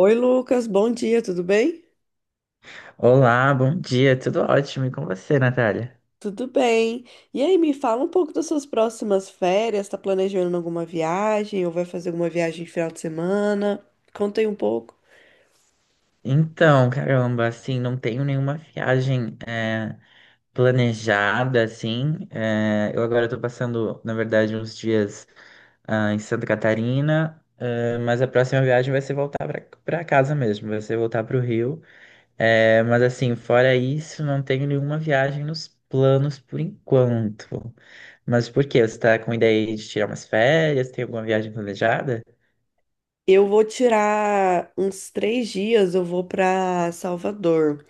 Oi, Lucas, bom dia, tudo bem? Olá, bom dia, tudo ótimo. E com você, Natália? Tudo bem. E aí, me fala um pouco das suas próximas férias. Tá planejando alguma viagem ou vai fazer alguma viagem de final de semana? Conta aí um pouco. Não tenho nenhuma viagem planejada, assim. Eu agora tô passando, na verdade, uns dias em Santa Catarina, é, mas a próxima viagem vai ser voltar pra casa mesmo, vai ser voltar pro Rio. É, mas assim, fora isso, não tenho nenhuma viagem nos planos por enquanto. Mas por quê? Você tá com ideia aí de tirar umas férias? Tem alguma viagem planejada? Eu vou tirar uns 3 dias, eu vou para Salvador.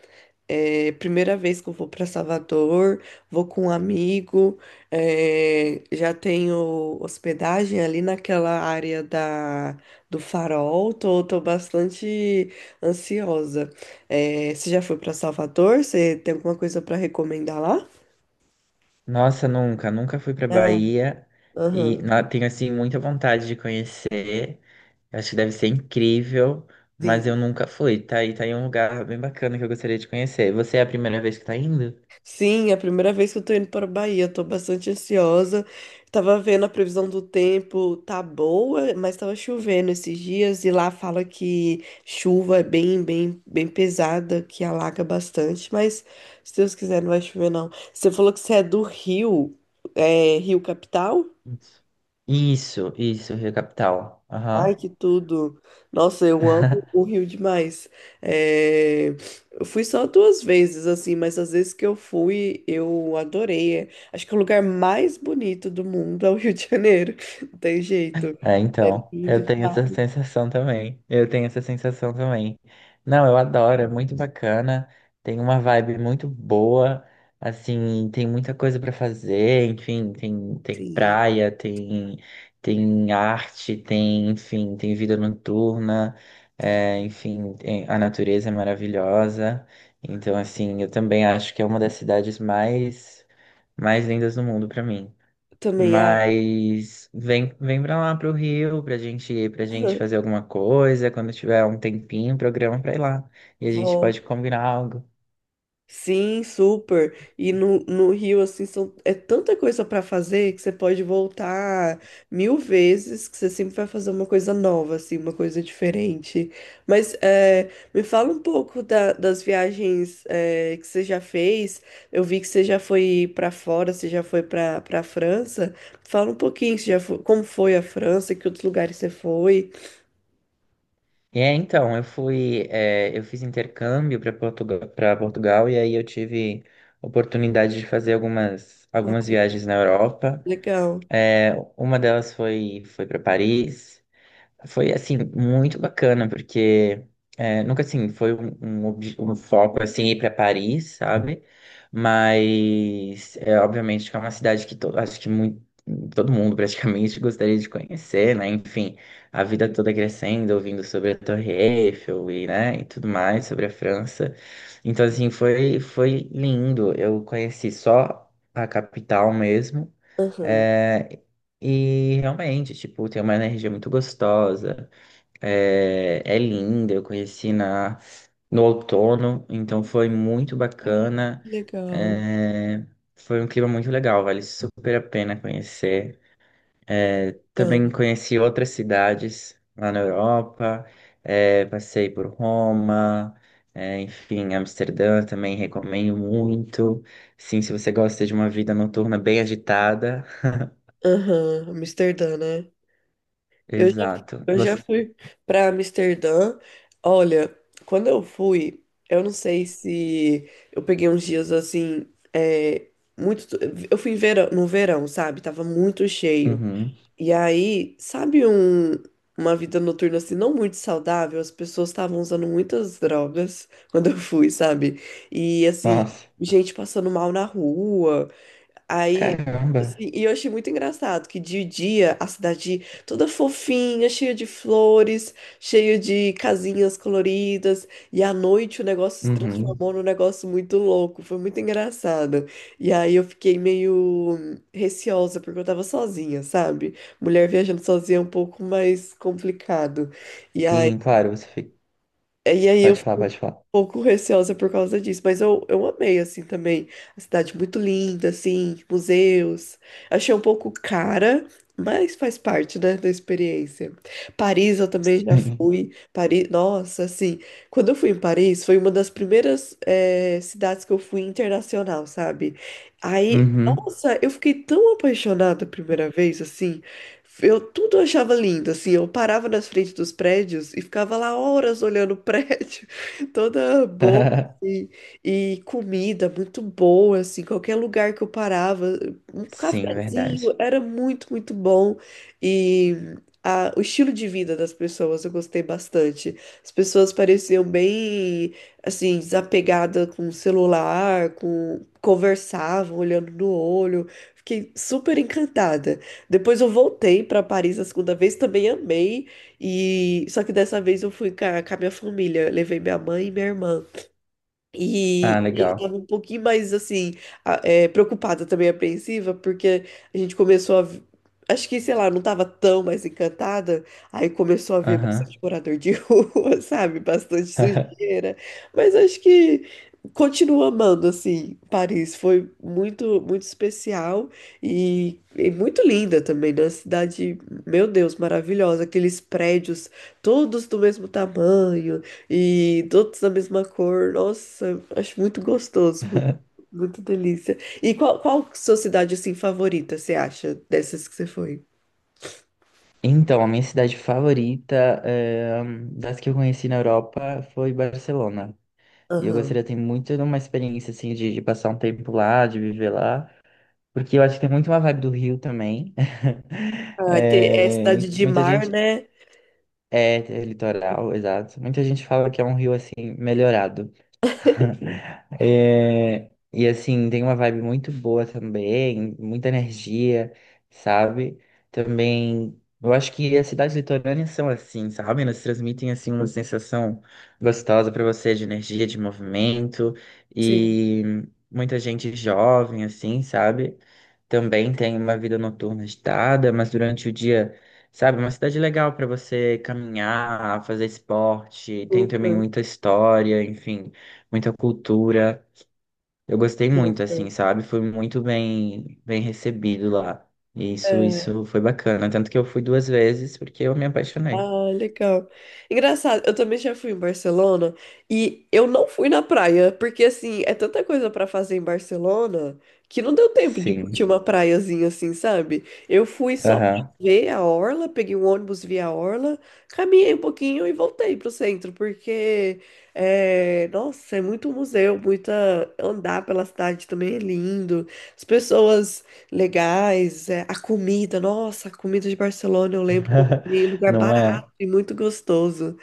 É, primeira vez que eu vou para Salvador, vou com um amigo, é, já tenho hospedagem ali naquela área do Farol, tô bastante ansiosa. É, você já foi para Salvador? Você tem alguma coisa para recomendar lá? Nossa, nunca fui pra Ah, Bahia e aham, tenho assim muita vontade de conhecer. Eu acho que deve ser incrível, mas sim. eu nunca fui. Tá aí um lugar bem bacana que eu gostaria de conhecer. Você é a primeira vez que tá indo? Sim, é a primeira vez que eu tô indo para a Bahia, tô bastante ansiosa. Tava vendo a previsão do tempo, tá boa, mas tava chovendo esses dias e lá fala que chuva é bem, bem, bem pesada, que alaga bastante, mas se Deus quiser não vai chover não. Você falou que você é do Rio, é Rio Capital? Isso, isso, Rio Capital. Ai, Aham. que tudo! Nossa, eu amo o Rio demais. É, eu fui só 2 vezes, assim, mas as vezes que eu fui, eu adorei. É, acho que o lugar mais bonito do mundo é o Rio de Janeiro. Não tem jeito. É, É então, lindo eu tenho essa demais. sensação também. Eu tenho essa sensação também. Não, eu adoro, é muito bacana. Tem uma vibe muito boa. Assim, tem muita coisa pra fazer. Enfim, tem Sim, praia, tem, tem arte, tem, enfim, tem vida noturna. sim. A natureza é maravilhosa. Então, assim, eu também acho que é uma das cidades mais lindas do mundo pra mim. Eu também, ai, Mas vem pra lá pro Rio pra pra gente fazer alguma coisa. Quando tiver um tempinho, programa pra ir lá. E a gente vou. pode combinar algo. Sim, super. E no Rio, assim, é tanta coisa para fazer que você pode voltar 1.000 vezes, que você sempre vai fazer uma coisa nova, assim, uma coisa diferente. Mas é, me fala um pouco das viagens que você já fez. Eu vi que você já foi para fora, você já foi para França. Fala um pouquinho, você já como foi a França, que outros lugares você foi. Eu fui, é, eu fiz intercâmbio para Portugal e aí eu tive oportunidade de fazer algumas Ah, viagens na Europa. legal. É, uma delas foi, foi para Paris. Foi, assim, muito bacana, porque é, nunca, assim, foi um foco, assim, ir para Paris, sabe? Mas, é, obviamente, que é uma cidade que acho que muito, todo mundo, praticamente, gostaria de conhecer, né? Enfim, a vida toda crescendo, ouvindo sobre a Torre Eiffel e, né, e tudo mais, sobre a França. Então, assim, foi lindo. Eu conheci só a capital mesmo. Aham. É, e realmente, tipo, tem uma energia muito gostosa, é linda. Eu conheci no outono, então foi muito Ah, bacana. que legal. É, foi um clima muito legal, vale super a pena conhecer. Legal. Também conheci outras cidades lá na Europa, é, passei por Roma, é, enfim, Amsterdã também recomendo muito. Sim, se você gosta de uma vida noturna bem agitada, Aham. Amsterdã, né? Eu já, exato. eu já Você... fui para Amsterdã. Olha, quando eu fui, eu não sei se eu peguei uns dias assim, é, muito. Eu fui no verão, sabe? Tava muito cheio. uhum. E aí, sabe uma vida noturna assim, não muito saudável? As pessoas estavam usando muitas drogas quando eu fui, sabe? E assim, Nossa, gente passando mal na rua. Aí, caramba. assim, e eu achei muito engraçado que de dia a cidade toda fofinha, cheia de flores, cheia de casinhas coloridas, e à noite o negócio se Uhum. transformou num negócio muito louco, foi muito engraçado. E aí eu fiquei meio receosa porque eu tava sozinha, sabe? Mulher viajando sozinha é um pouco mais complicado. E aí, Sim, claro, você fica... e aí eu pode falar, pode falar. pouco receosa por causa disso, mas eu amei, assim, também. A cidade muito linda, assim, museus. Achei um pouco cara, mas faz parte, né, da experiência. Paris eu também já Sim. fui. Paris, nossa, assim, quando eu fui em Paris, foi uma das primeiras, cidades que eu fui internacional, sabe? Aí, Uhum. nossa, eu fiquei tão apaixonada a primeira vez, assim. Eu tudo eu achava lindo, assim, eu parava nas frentes dos prédios e ficava lá horas olhando o prédio toda boa e, e comida muito boa, assim, qualquer lugar que eu parava, um Sim, cafezinho verdade. era muito, muito bom e o estilo de vida das pessoas eu gostei bastante. As pessoas pareciam bem, assim, desapegadas com o celular, com conversavam olhando no olho. Fiquei super encantada. Depois eu voltei para Paris a segunda vez, também amei. E só que dessa vez eu fui com a minha família, levei minha mãe e minha irmã. Ah, E eles legal. estavam um pouquinho mais assim, preocupada também, apreensiva, porque a gente começou a. Acho que, sei lá, não tava tão mais encantada. Aí começou a ver Aham. bastante morador de rua, sabe? Bastante sujeira. Mas acho que continuo amando, assim, Paris. Foi muito, muito especial e muito linda também, né? Cidade, meu Deus, maravilhosa. Aqueles prédios todos do mesmo tamanho e todos da mesma cor. Nossa, acho muito gostoso, muito, muito delícia. E qual sua cidade assim favorita, você acha, dessas que você foi? Então, a minha cidade favorita, das que eu conheci na Europa, foi Barcelona. E eu Aham. gostaria de ter muito de uma experiência, assim, de passar um tempo lá, de viver lá. Porque eu acho que tem muito uma vibe do Rio também. Ah, tem, é cidade de muita mar, gente, né? é, é litoral, exato. Muita gente fala que é um rio assim, melhorado. É, e assim, tem uma vibe muito boa também, muita energia, sabe? Também, eu acho que as cidades litorâneas são assim, sabe? Elas transmitem assim uma sensação gostosa pra você de energia, de movimento Sim, e muita gente jovem assim, sabe? Também tem uma vida noturna agitada, mas durante o dia, sabe, é uma cidade legal para você caminhar, fazer esporte, tem também super, muita história, enfim muita cultura. Eu gostei muito, assim, super. sabe? Fui muito bem recebido lá. É. Isso foi bacana. Tanto que eu fui duas vezes porque eu me apaixonei. Ah, legal. Engraçado, eu também já fui em Barcelona e eu não fui na praia, porque assim, é tanta coisa pra fazer em Barcelona que não deu tempo de Sim. curtir uma praiazinha assim, sabe? Eu fui só pra Aham. ver a orla, peguei um ônibus, vi a orla, caminhei um pouquinho e voltei pro centro, porque nossa, é muito museu, muita andar pela cidade também é lindo. As pessoas legais, a comida, nossa, a comida de Barcelona, eu lembro que eu comi em lugar Não é? e muito gostoso.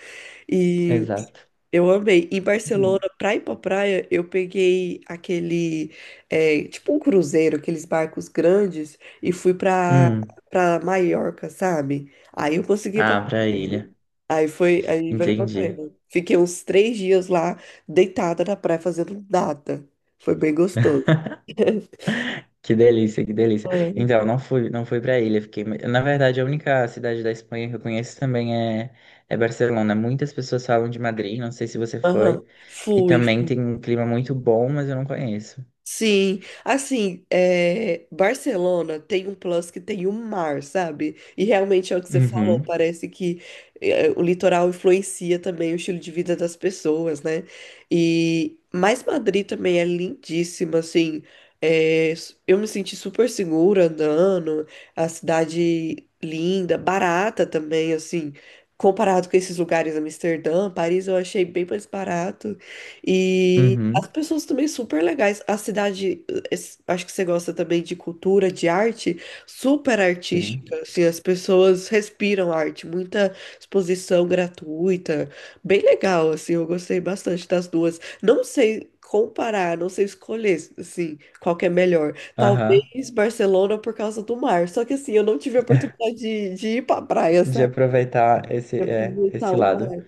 E Exato. eu amei. Em Barcelona, pra ir pra praia, eu peguei aquele, tipo um cruzeiro, aqueles barcos grandes, e fui pra, Hum. pra Maiorca, sabe? Aí eu consegui ir pra Ah, pra praia. ilha. Aí foi, aí valeu a Entendi. pena. Fiquei uns 3 dias lá, deitada na praia, fazendo nada. Foi bem gostoso. Que delícia, que delícia. É. Então, não fui para ilha, fiquei. Na verdade, a única cidade da Espanha que eu conheço também é, é Barcelona. Muitas pessoas falam de Madrid, não sei se você Aham. foi, que Fui. também tem um clima muito bom, mas eu não conheço. Sim, assim, Barcelona tem um plus que tem o mar, sabe? E realmente é o que você falou, Uhum. parece que o litoral influencia também o estilo de vida das pessoas, né? E mas Madrid também é lindíssima, assim, eu me senti super segura andando, a cidade linda, barata também, assim, comparado com esses lugares, Amsterdã, Paris, eu achei bem mais barato. E as Uhum, pessoas também super legais. A cidade, acho que você gosta também de cultura, de arte, super sim. artística. Assim, as pessoas respiram arte, muita exposição gratuita. Bem legal, assim, eu gostei bastante das duas. Não sei comparar, não sei escolher, assim, qual que é melhor. Aham. Talvez Barcelona por causa do mar. Só que, assim, eu não tive a oportunidade de ir pra praia, De sabe? aproveitar esse, De é, aproveitar esse o lado. mar.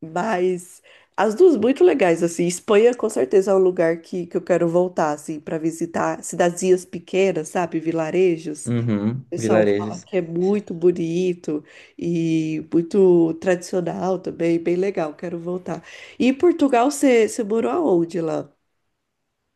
Mas as duas muito legais, assim. Espanha com certeza é um lugar que eu quero voltar, assim, para visitar cidadezinhas pequenas, sabe? Vilarejos. Uhum, O pessoal fala vilarejos. que é muito bonito e muito tradicional também, bem legal, quero voltar. E em Portugal, você morou aonde lá?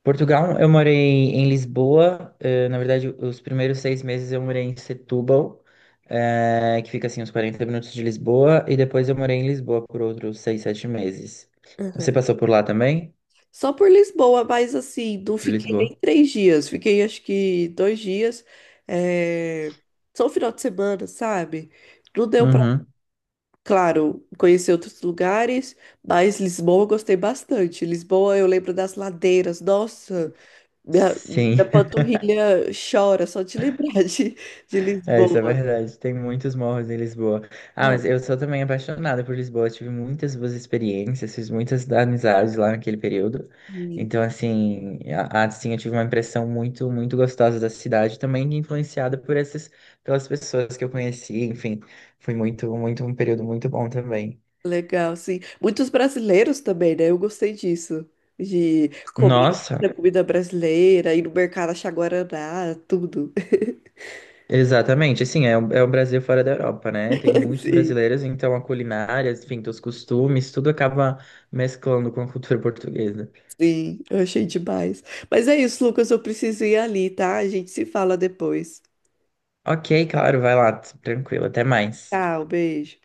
Portugal, eu morei em Lisboa. Eh, na verdade, os primeiros 6 meses eu morei em Setúbal, que fica assim uns 40 minutos de Lisboa, e depois eu morei em Lisboa por outros 6, 7 meses. Você Aham. passou por lá também? Só por Lisboa, mas assim, não Por fiquei nem Lisboa? 3 dias, fiquei acho que 2 dias, é, só o final de semana, sabe? Não deu pra, Uhum. claro, conhecer outros lugares, mas Lisboa eu gostei bastante. Lisboa eu lembro das ladeiras, nossa, minha, Sim. minha panturrilha chora só de lembrar de É, isso é Lisboa. verdade. Tem muitos morros em Lisboa. Ah, Nossa. mas eu sou também apaixonada por Lisboa. Tive muitas boas experiências, fiz muitas amizades lá naquele período. Então, assim, assim, eu tive uma impressão muito, muito gostosa da cidade, também influenciada por essas, pelas pessoas que eu conheci. Enfim, foi muito, muito um período muito bom também. Legal, sim. Muitos brasileiros também, né? Eu gostei disso. De comer Nossa, a comida brasileira, ir no mercado achar guaraná, tudo. exatamente. Assim, é, é o Brasil fora da Europa, né? Tem muitos Sim, brasileiros, então a culinária, enfim, os costumes, tudo acaba mesclando com a cultura portuguesa. sim, eu achei demais. Mas é isso, Lucas, eu preciso ir ali, tá? A gente se fala depois. Ok, claro, vai lá, tranquilo, até mais. Tchau, beijo.